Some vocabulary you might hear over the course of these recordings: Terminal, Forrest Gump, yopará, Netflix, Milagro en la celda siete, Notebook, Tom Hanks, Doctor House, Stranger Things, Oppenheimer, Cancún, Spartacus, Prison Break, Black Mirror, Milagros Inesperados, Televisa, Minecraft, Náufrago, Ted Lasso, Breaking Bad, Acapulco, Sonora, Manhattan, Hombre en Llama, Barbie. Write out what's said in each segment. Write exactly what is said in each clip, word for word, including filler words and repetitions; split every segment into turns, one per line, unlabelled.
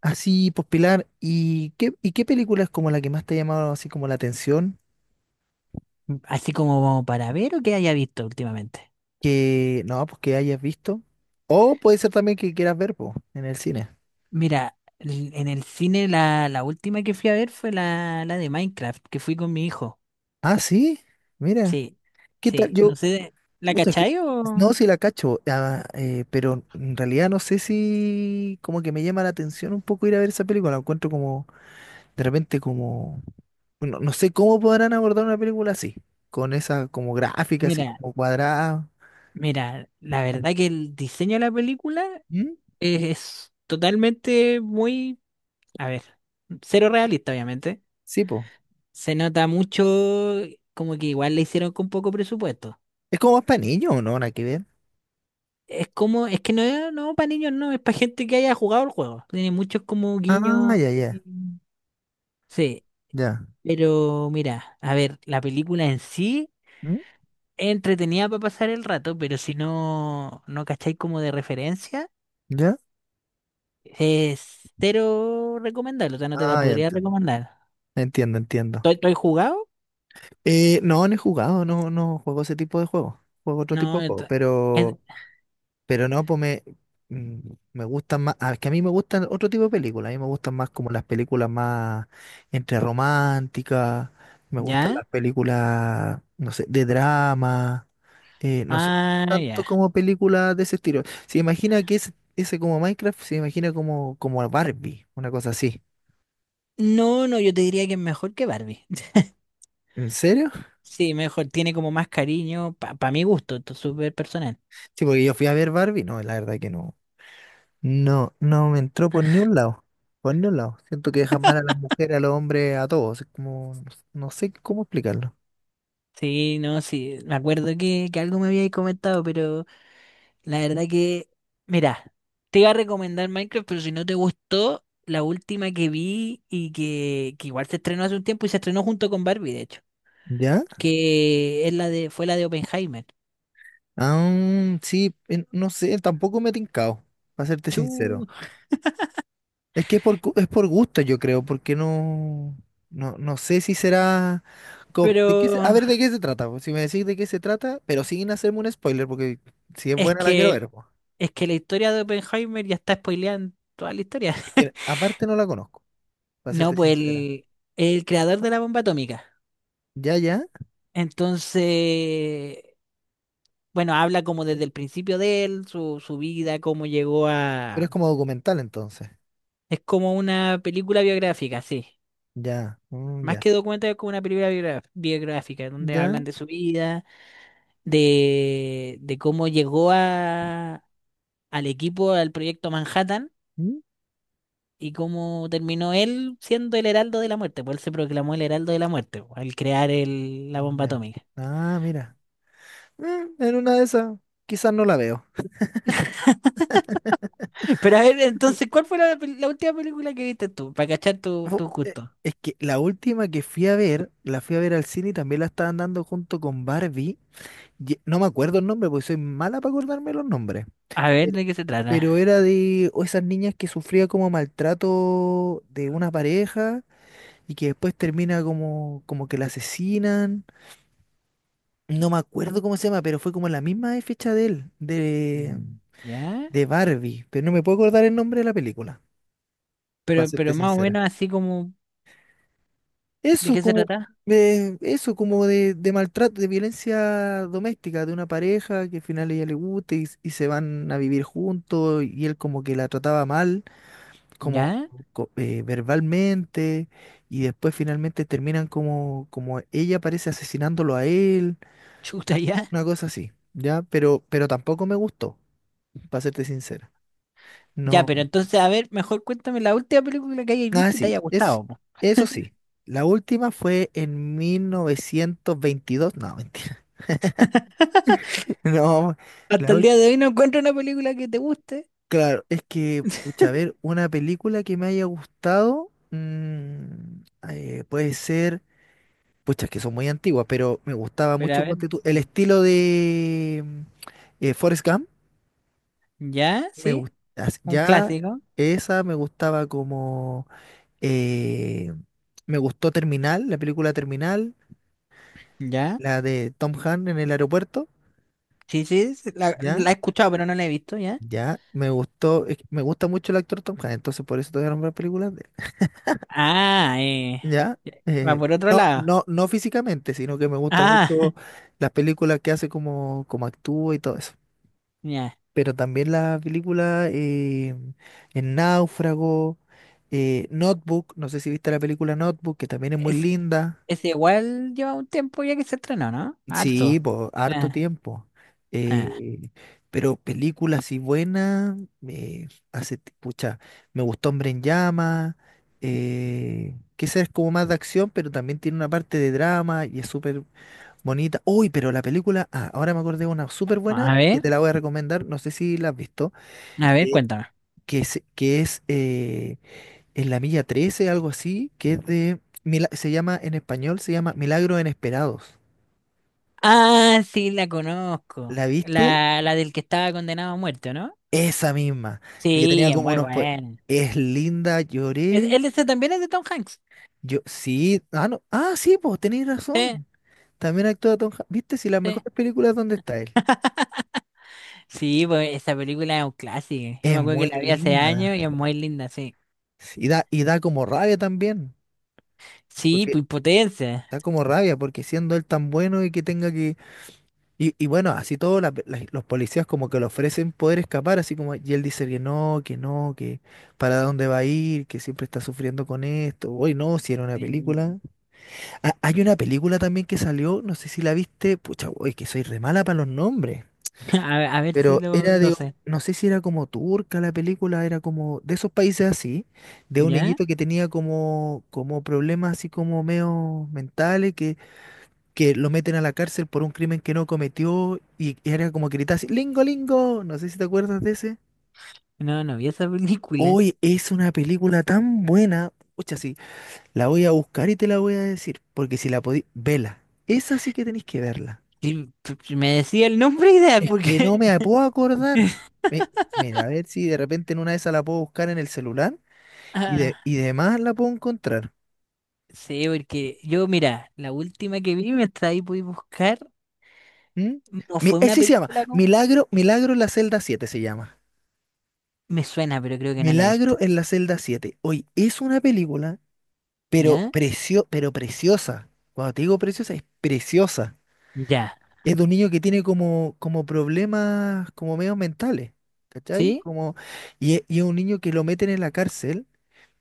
Así, pues Pilar, ¿y qué, y qué película es como la que más te ha llamado así como la atención?
Así como para ver o que haya visto últimamente.
Que no, pues que hayas visto. O puede ser también que quieras ver, pues, en el cine.
Mira, l- en el cine la, la última que fui a ver fue la, la de Minecraft, que fui con mi hijo.
Ah, sí, mira,
Sí,
¿qué tal?
sí.
Yo,
No sé, ¿la
puta, que-
cachai
no,
o...?
si la cacho, ah, eh, pero en realidad no sé si como que me llama la atención un poco ir a ver esa película. La encuentro como, de repente como, no, no sé cómo podrán abordar una película así, con esa como gráfica, así
Mira,
como cuadrada.
mira, la verdad que el diseño de la película
¿Mm?
es, totalmente muy, a ver, cero realista, obviamente.
Sí, pues.
Se nota mucho como que igual le hicieron con poco presupuesto.
Es como más para niños, ¿no? Nada que ver.
Es como, es que no es, no, para niños no, es para gente que haya jugado el juego. Tiene muchos como
Ah,
guiños.
ya, ya,
eh, Sí,
ya.
pero mira, a ver, la película en sí
¿Mm?
es entretenida para pasar el rato, pero si no, no cacháis como de referencia,
¿Ya?
es cero recomendable, o sea, no te la
Ah, ya
podría
entiendo.
recomendar.
Entiendo, entiendo.
¿Estoy, estoy jugado?
Eh, no, no he jugado, no, no juego ese tipo de juegos. Juego otro tipo
No,
de juegos,
esto- es-
pero, pero no, pues me, mm, me gustan más. ah, Es que a mí me gustan otro tipo de películas. A mí me gustan más como las películas más entre románticas. Me gustan
¿ya?
las películas, no sé, de drama. Eh, no sé,
Ah,
tanto
ya.
como películas de ese estilo. Se imagina que ese, ese como Minecraft, se imagina como, como Barbie, una cosa así.
No, no, yo te diría que es mejor que Barbie.
¿En serio?
Sí, mejor, tiene como más cariño, para mi gusto, esto es súper personal.
Sí, porque yo fui a ver Barbie. No, la verdad que no. No, no me entró por ni un lado. Por ni un lado. Siento que deja mal a las mujeres, a los hombres, a todos. Es como, no sé cómo explicarlo.
Sí, no, sí, me acuerdo que, que algo me habíais comentado, pero la verdad que, mira, te iba a recomendar Minecraft, pero si no te gustó, la última que vi y que, que igual se estrenó hace un tiempo y se estrenó junto con Barbie, de hecho,
¿Ya?
que es la de, fue la de Oppenheimer.
Ah, sí, en- no sé, tampoco me he tincado, para serte
Chu,
sincero. Es que es por, gu- es por gusto, yo creo, porque no, no, no sé si será. Co- ¿De qué se- a
pero
ver, ¿de qué se trata? Pues, si me decís de qué se trata, pero sin hacerme un spoiler, porque si es
es
buena la quiero
que,
ver, pues.
es que la historia de Oppenheimer ya está spoileando toda la historia.
Es que aparte no la conozco, para
No,
serte
pues
sincera.
el, el creador de la bomba atómica.
Ya, ya.
Entonces, bueno, habla como desde el principio de él, su, su vida, cómo llegó
Pero
a...
es como documental entonces.
Es como una película biográfica, sí.
Ya, mm,
Más
ya,
que documental, es como una película biogra- biográfica, donde
ya,
hablan de su vida, de, de cómo llegó a, al equipo, al proyecto Manhattan,
mm,
y cómo terminó él siendo el heraldo de la muerte. Pues él se proclamó el heraldo de la muerte, po, al crear el, la bomba
ya.
atómica.
Ah, mira. Mm, en una de esas, quizás no la veo.
Pero a ver, entonces, ¿cuál fue la, pel- la última película que viste tú? Para cachar tu,
Fu-
tu
eh,
gusto.
Es que la última que fui a ver, la fui a ver al cine y también la estaban dando junto con Barbie. Y- eh, no me acuerdo el nombre porque soy mala para acordarme los nombres.
A ver,
Pero,
¿de qué se trata?
pero era de o esas niñas que sufría como maltrato de una pareja y que después termina como, como que la asesinan. No me acuerdo cómo se llama, pero fue como la misma fecha de él, de,
Mm, ¿ya?
de Barbie. Pero no me puedo acordar el nombre de la película, para
Pero,
serte
pero más o
sincera.
menos así como, ¿de
Eso
qué se
como,
trata?
eh, eso como de, de maltrato, de violencia doméstica, de una pareja que al final a ella le gusta y, y se van a vivir juntos y él como que la trataba mal, como
¿Ya?
co- eh, verbalmente, y después finalmente terminan como, como ella parece asesinándolo a él,
Chuta, ya.
una cosa así, ¿ya? Pero, pero tampoco me gustó. Para serte sincero.
Ya,
No.
pero entonces, a ver, mejor cuéntame la última película que hayas
Ah,
visto y te
sí,
haya
es,
gustado, po.
eso sí. La última fue en mil novecientos veintidós. No, mentira. No, la
Hasta el
ul-
día de hoy no encuentro una película que te guste.
claro, es que, pucha, a ver, una película que me haya gustado, mm, eh, puede ser, pucha, es que son muy antiguas, pero me gustaba
Pero a
mucho,
ver,
ponte tú, el estilo de mm, eh, Forrest Gump.
¿ya?
Me
¿Sí?
gusta,
Un
ya
clásico.
esa me gustaba como, eh, me gustó Terminal, la película Terminal,
¿Ya?
la de Tom Hanks en el aeropuerto.
Sí, sí, sí, la,
Ya,
la he escuchado, pero no la he visto, ¿ya?
ya, me gustó, es que me gusta mucho el actor Tom Hanks, entonces por eso te voy a nombrar películas de
Ah,
él,
eh,
ya,
ya, va
eh,
por otro
no,
lado.
no, no físicamente, sino que me gusta
Ah,
mucho las películas que hace como, como actúa y todo eso,
ya.
pero también las películas eh, en Náufrago, eh, Notebook. No sé si viste la película Notebook, que también es muy
Es,
linda.
es igual lleva un tiempo ya que se estrenó, ¿no?
Sí,
Harto.
pues, harto
Ah,
tiempo.
ah.
Eh, pero películas y buenas, eh, hace, ti- pucha, me gustó Hombre en Llama, eh, que esa es como más de acción, pero también tiene una parte de drama y es súper bonita. Uy, pero la película, ah, ahora me acordé de una súper buena
A
y que
ver,
te la voy a recomendar, no sé si la has visto,
a ver,
que,
cuéntame.
que se- que es, eh, en la milla trece, algo así, que es de, mila- se llama en español, se llama Milagros Inesperados.
Ah, sí, la conozco.
¿La viste?
La, la del que estaba condenado a muerte, ¿no?
Esa misma, de que tenía
Sí, es
como
muy
unos pues
buena.
es linda,
¿Es,
lloré.
él ese también es de Tom Hanks?
Yo sí, ah no, ah sí, pues tenéis
Sí,
razón. También actúa Tom Hanks. ¿Viste si las
sí.
mejores películas dónde está él?
Sí, pues esa película es un clásico. Yo me
Es
acuerdo que
muy
la vi hace
linda.
años y es muy linda, sí.
Sí, Y da y da como rabia también,
Sí,
porque
pues potencia.
da como rabia porque siendo él tan bueno y que tenga que y, y bueno, así todos los policías como que le ofrecen poder escapar, así como y él dice que no, que no, que para dónde va a ir, que siempre está sufriendo con esto. Hoy no, si era una
Sí.
película. Ha- Hay una película también que salió, no sé si la viste, pucha, uy, que soy re mala para los nombres,
A ver, a ver si
pero
lo,
era
lo
de,
sé.
no sé si era como turca la película, era como de esos países así, de un
¿Ya?
niñito que tenía como, como problemas así como medio mentales, que, que lo meten a la cárcel por un crimen que no cometió y era como que gritaba así, Lingo, Lingo, no sé si te acuerdas de ese.
No, no vi esa película.
Hoy es una película tan buena, pucha, sí, la voy a buscar y te la voy a decir, porque si la podí, vela, esa sí que tenéis que verla.
Sí, p- p- me decía el nombre ideal
Es El- que
porque...
no me puedo acordar. Mi- Mira, a ver si de repente en una de esas la puedo buscar en el celular y de, y de más la puedo encontrar.
Sí, porque yo, mira, la última que vi, mientras ahí pude buscar,
¿Mm?
no
Mi,
fue una
ese se llama
película, no,
Milagro, Milagro en la celda siete se llama.
me suena, pero creo que no la he
Milagro
visto.
en la celda siete. Hoy es una película, pero,
¿Ya?
precio, pero preciosa. Cuando te digo preciosa, es preciosa.
Ya.
Es de un niño que tiene como, como problemas como medios mentales. ¿Cachai?
¿Sí?
Como, y es, y es un niño que lo meten en la cárcel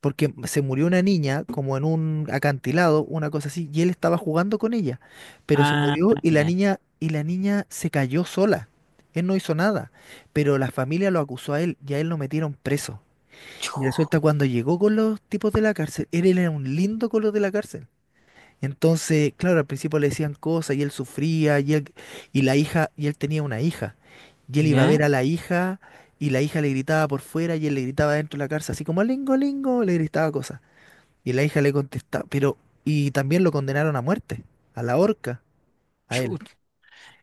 porque se murió una niña como en un acantilado, una cosa así, y él estaba jugando con ella, pero se
Ah,
murió y la
ya.
niña y la niña se cayó sola. Él no hizo nada, pero la familia lo acusó a él y a él lo metieron preso.
Chu,
Y resulta cuando llegó con los tipos de la cárcel, él era un lindo con los de la cárcel. Entonces, claro, al principio le decían cosas y él sufría y él- y la hija y él tenía una hija. Y él iba a
¿ya?
ver a la hija y la hija le gritaba por fuera y él le gritaba dentro de la cárcel, así como lingo, lingo, le gritaba cosas. Y la hija le contesta, pero, y también lo condenaron a muerte, a la horca, a
Chu,
él.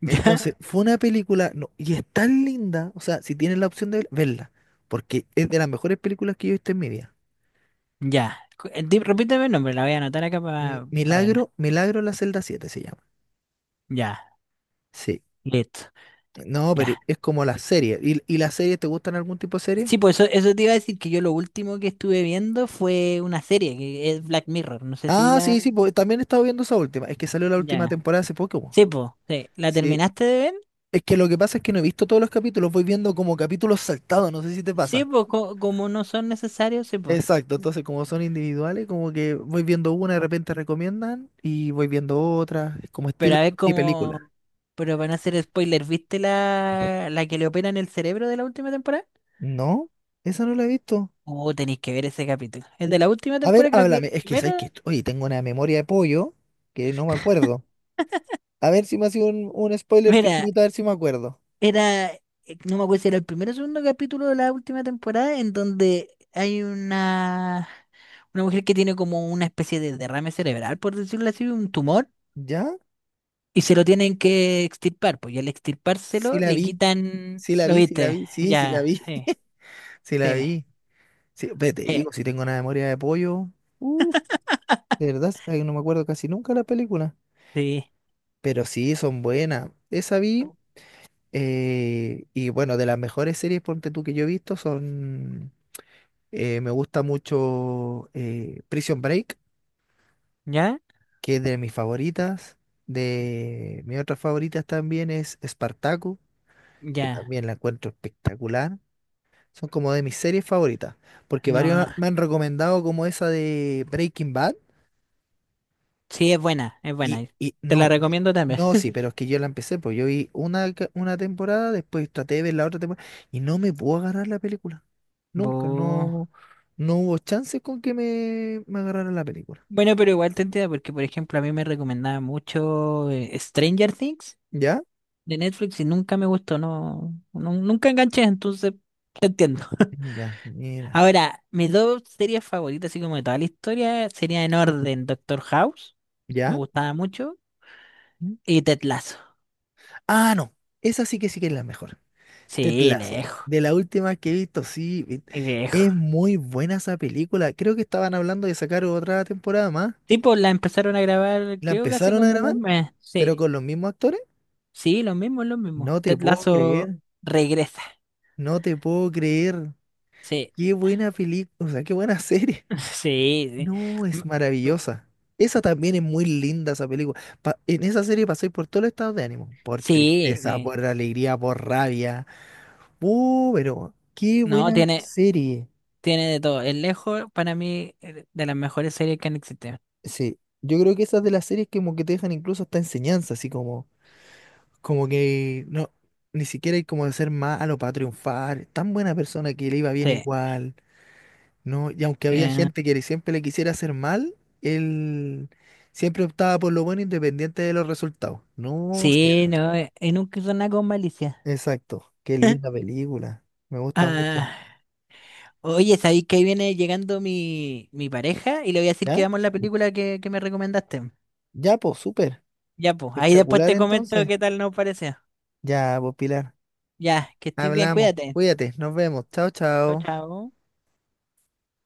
¿ya?
Entonces, fue una película, no, y es tan linda, o sea, si tienes la opción de verla, porque es de las mejores películas que yo he visto en mi vida.
Ya. Cu- eh, di- Repíteme el nombre, la voy a anotar acá
Mi-
para verla.
Milagro, Milagro en la celda siete se llama.
Ya,
Sí.
listo.
No, pero
Ya.
es como la serie. ¿Y, y las series, te gustan algún tipo de serie?
Sí, pues eso, eso te iba a decir que yo lo último que estuve viendo fue una serie, que es Black Mirror. No sé si
Ah,
la...
sí, sí, pues también he estado viendo esa última. Es que salió la última
Ya.
temporada hace poco, po.
Sí, pues, sí. ¿La
Sí.
terminaste de ver?
Es que lo que pasa es que no he visto todos los capítulos, voy viendo como capítulos saltados, no sé si te
Sí,
pasa.
pues co- como no son necesarios, sí, pues.
Exacto, entonces como son individuales, como que voy viendo una, de repente recomiendan y voy viendo otra, es como
Pero
estilo
a ver
y película.
cómo. Pero van a hacer spoiler. ¿Viste la, la que le operan el cerebro de la última temporada?
No, esa no la he visto.
Oh, tenéis que ver ese capítulo. El de la última
A ver,
temporada, creo que el
háblame, es que
primero.
sabes que, oye, tengo una memoria de pollo que no me acuerdo. A ver si me ha sido un, un spoiler
Mira,
pequeñito, a ver si me acuerdo.
era. eh, No me acuerdo si era el primero o segundo capítulo de la última temporada, en donde hay una, una mujer que tiene como una especie de derrame cerebral, por decirlo así, un tumor,
¿Ya?
y se lo tienen que extirpar. Pues y al
Sí
extirpárselo
la
le
vi,
quitan.
sí la
¿Lo
vi, sí la
viste?
vi, sí, sí la
Ya,
vi,
sí.
sí la
Sí,
vi. Sí, ve, te
eh,
digo, si tengo una memoria de pollo, de verdad, sabes no me acuerdo casi nunca la película.
sí.
Pero sí, son buenas. Esa vi. Eh, y bueno, de las mejores series, ponte tú, que yo he visto son, eh, me gusta mucho eh, Prison Break,
¿Ya?
que es de mis favoritas. De mis otras favoritas también es Spartacus, que
Ya.
también la encuentro espectacular. Son como de mis series favoritas, porque varios
No.
me han recomendado como esa de Breaking Bad.
Sí, es buena, es
Y,
buena.
y
Te la
no,
recomiendo también.
no, sí, pero es que yo la empecé, pues yo vi una, ca- una temporada, después traté de ver la otra temporada y no me puedo agarrar la película. Nunca,
Bu-
no, no hubo chances con que me, me agarrara la película.
Bueno, pero igual te entiendo porque, por ejemplo, a mí me recomendaba mucho eh, Stranger Things
¿Ya?
de Netflix y nunca me gustó, no, no- nunca enganché, entonces te entiendo.
Mm, ya, mira.
Ahora, mis dos series favoritas, así como de toda la historia, sería en orden Doctor House, me
¿Ya?
gustaba mucho,
¿Mm?
y Ted Lasso.
Ah, no, esa sí que sí que es la mejor. Ted
Sí,
Lasso,
lejos,
de la última que he visto, sí, vi-
lejos.
es muy buena esa película. Creo que estaban hablando de sacar otra temporada más.
Tipo, la empezaron a grabar,
La
creo que hace
empezaron a
como
grabar,
un mes.
pero
Sí,
con los mismos actores.
sí, lo mismo, lo mismo.
No te
Ted
puedo
Lasso
creer.
regresa.
No te puedo creer.
Sí,
Qué buena película, o sea, qué buena serie.
sí, sí.
No, es
M-
maravillosa. Esa también es muy linda, esa película. Pa- en esa serie pasé por todos los estados de ánimo. Por
Sí,
tristeza,
sí.
por alegría, por rabia. Uh, pero qué
No,
buena
tiene,
serie.
tiene de todo. Es lejos, para mí, eh, de las mejores series que han existido.
Sí, yo creo que esas de las series que como que te dejan incluso hasta enseñanza, así como, como que no, ni siquiera hay como de ser malo para triunfar. Tan buena persona que le iba bien
Sí,
igual. No, y aunque había
eh,
gente que le- siempre le quisiera hacer mal, él siempre optaba por lo bueno independiente de los resultados. No, sí,
sí,
era-
no, eh, y nunca hizo nada con malicia.
exacto. Qué linda película. Me gusta mucho.
Ah, oye, ¿sabéis que ahí viene llegando mi, mi pareja? Y le voy a decir que
¿Ya?
veamos la película que, que me recomendaste.
Ya, pues, súper.
Ya, pues, ahí después
Espectacular
te comento
entonces.
qué tal nos pareció.
Ya, pues, Pilar.
Ya, que estés bien,
Hablamos.
cuídate.
Cuídate. Nos vemos. Chao,
Chao,
chao.
chao.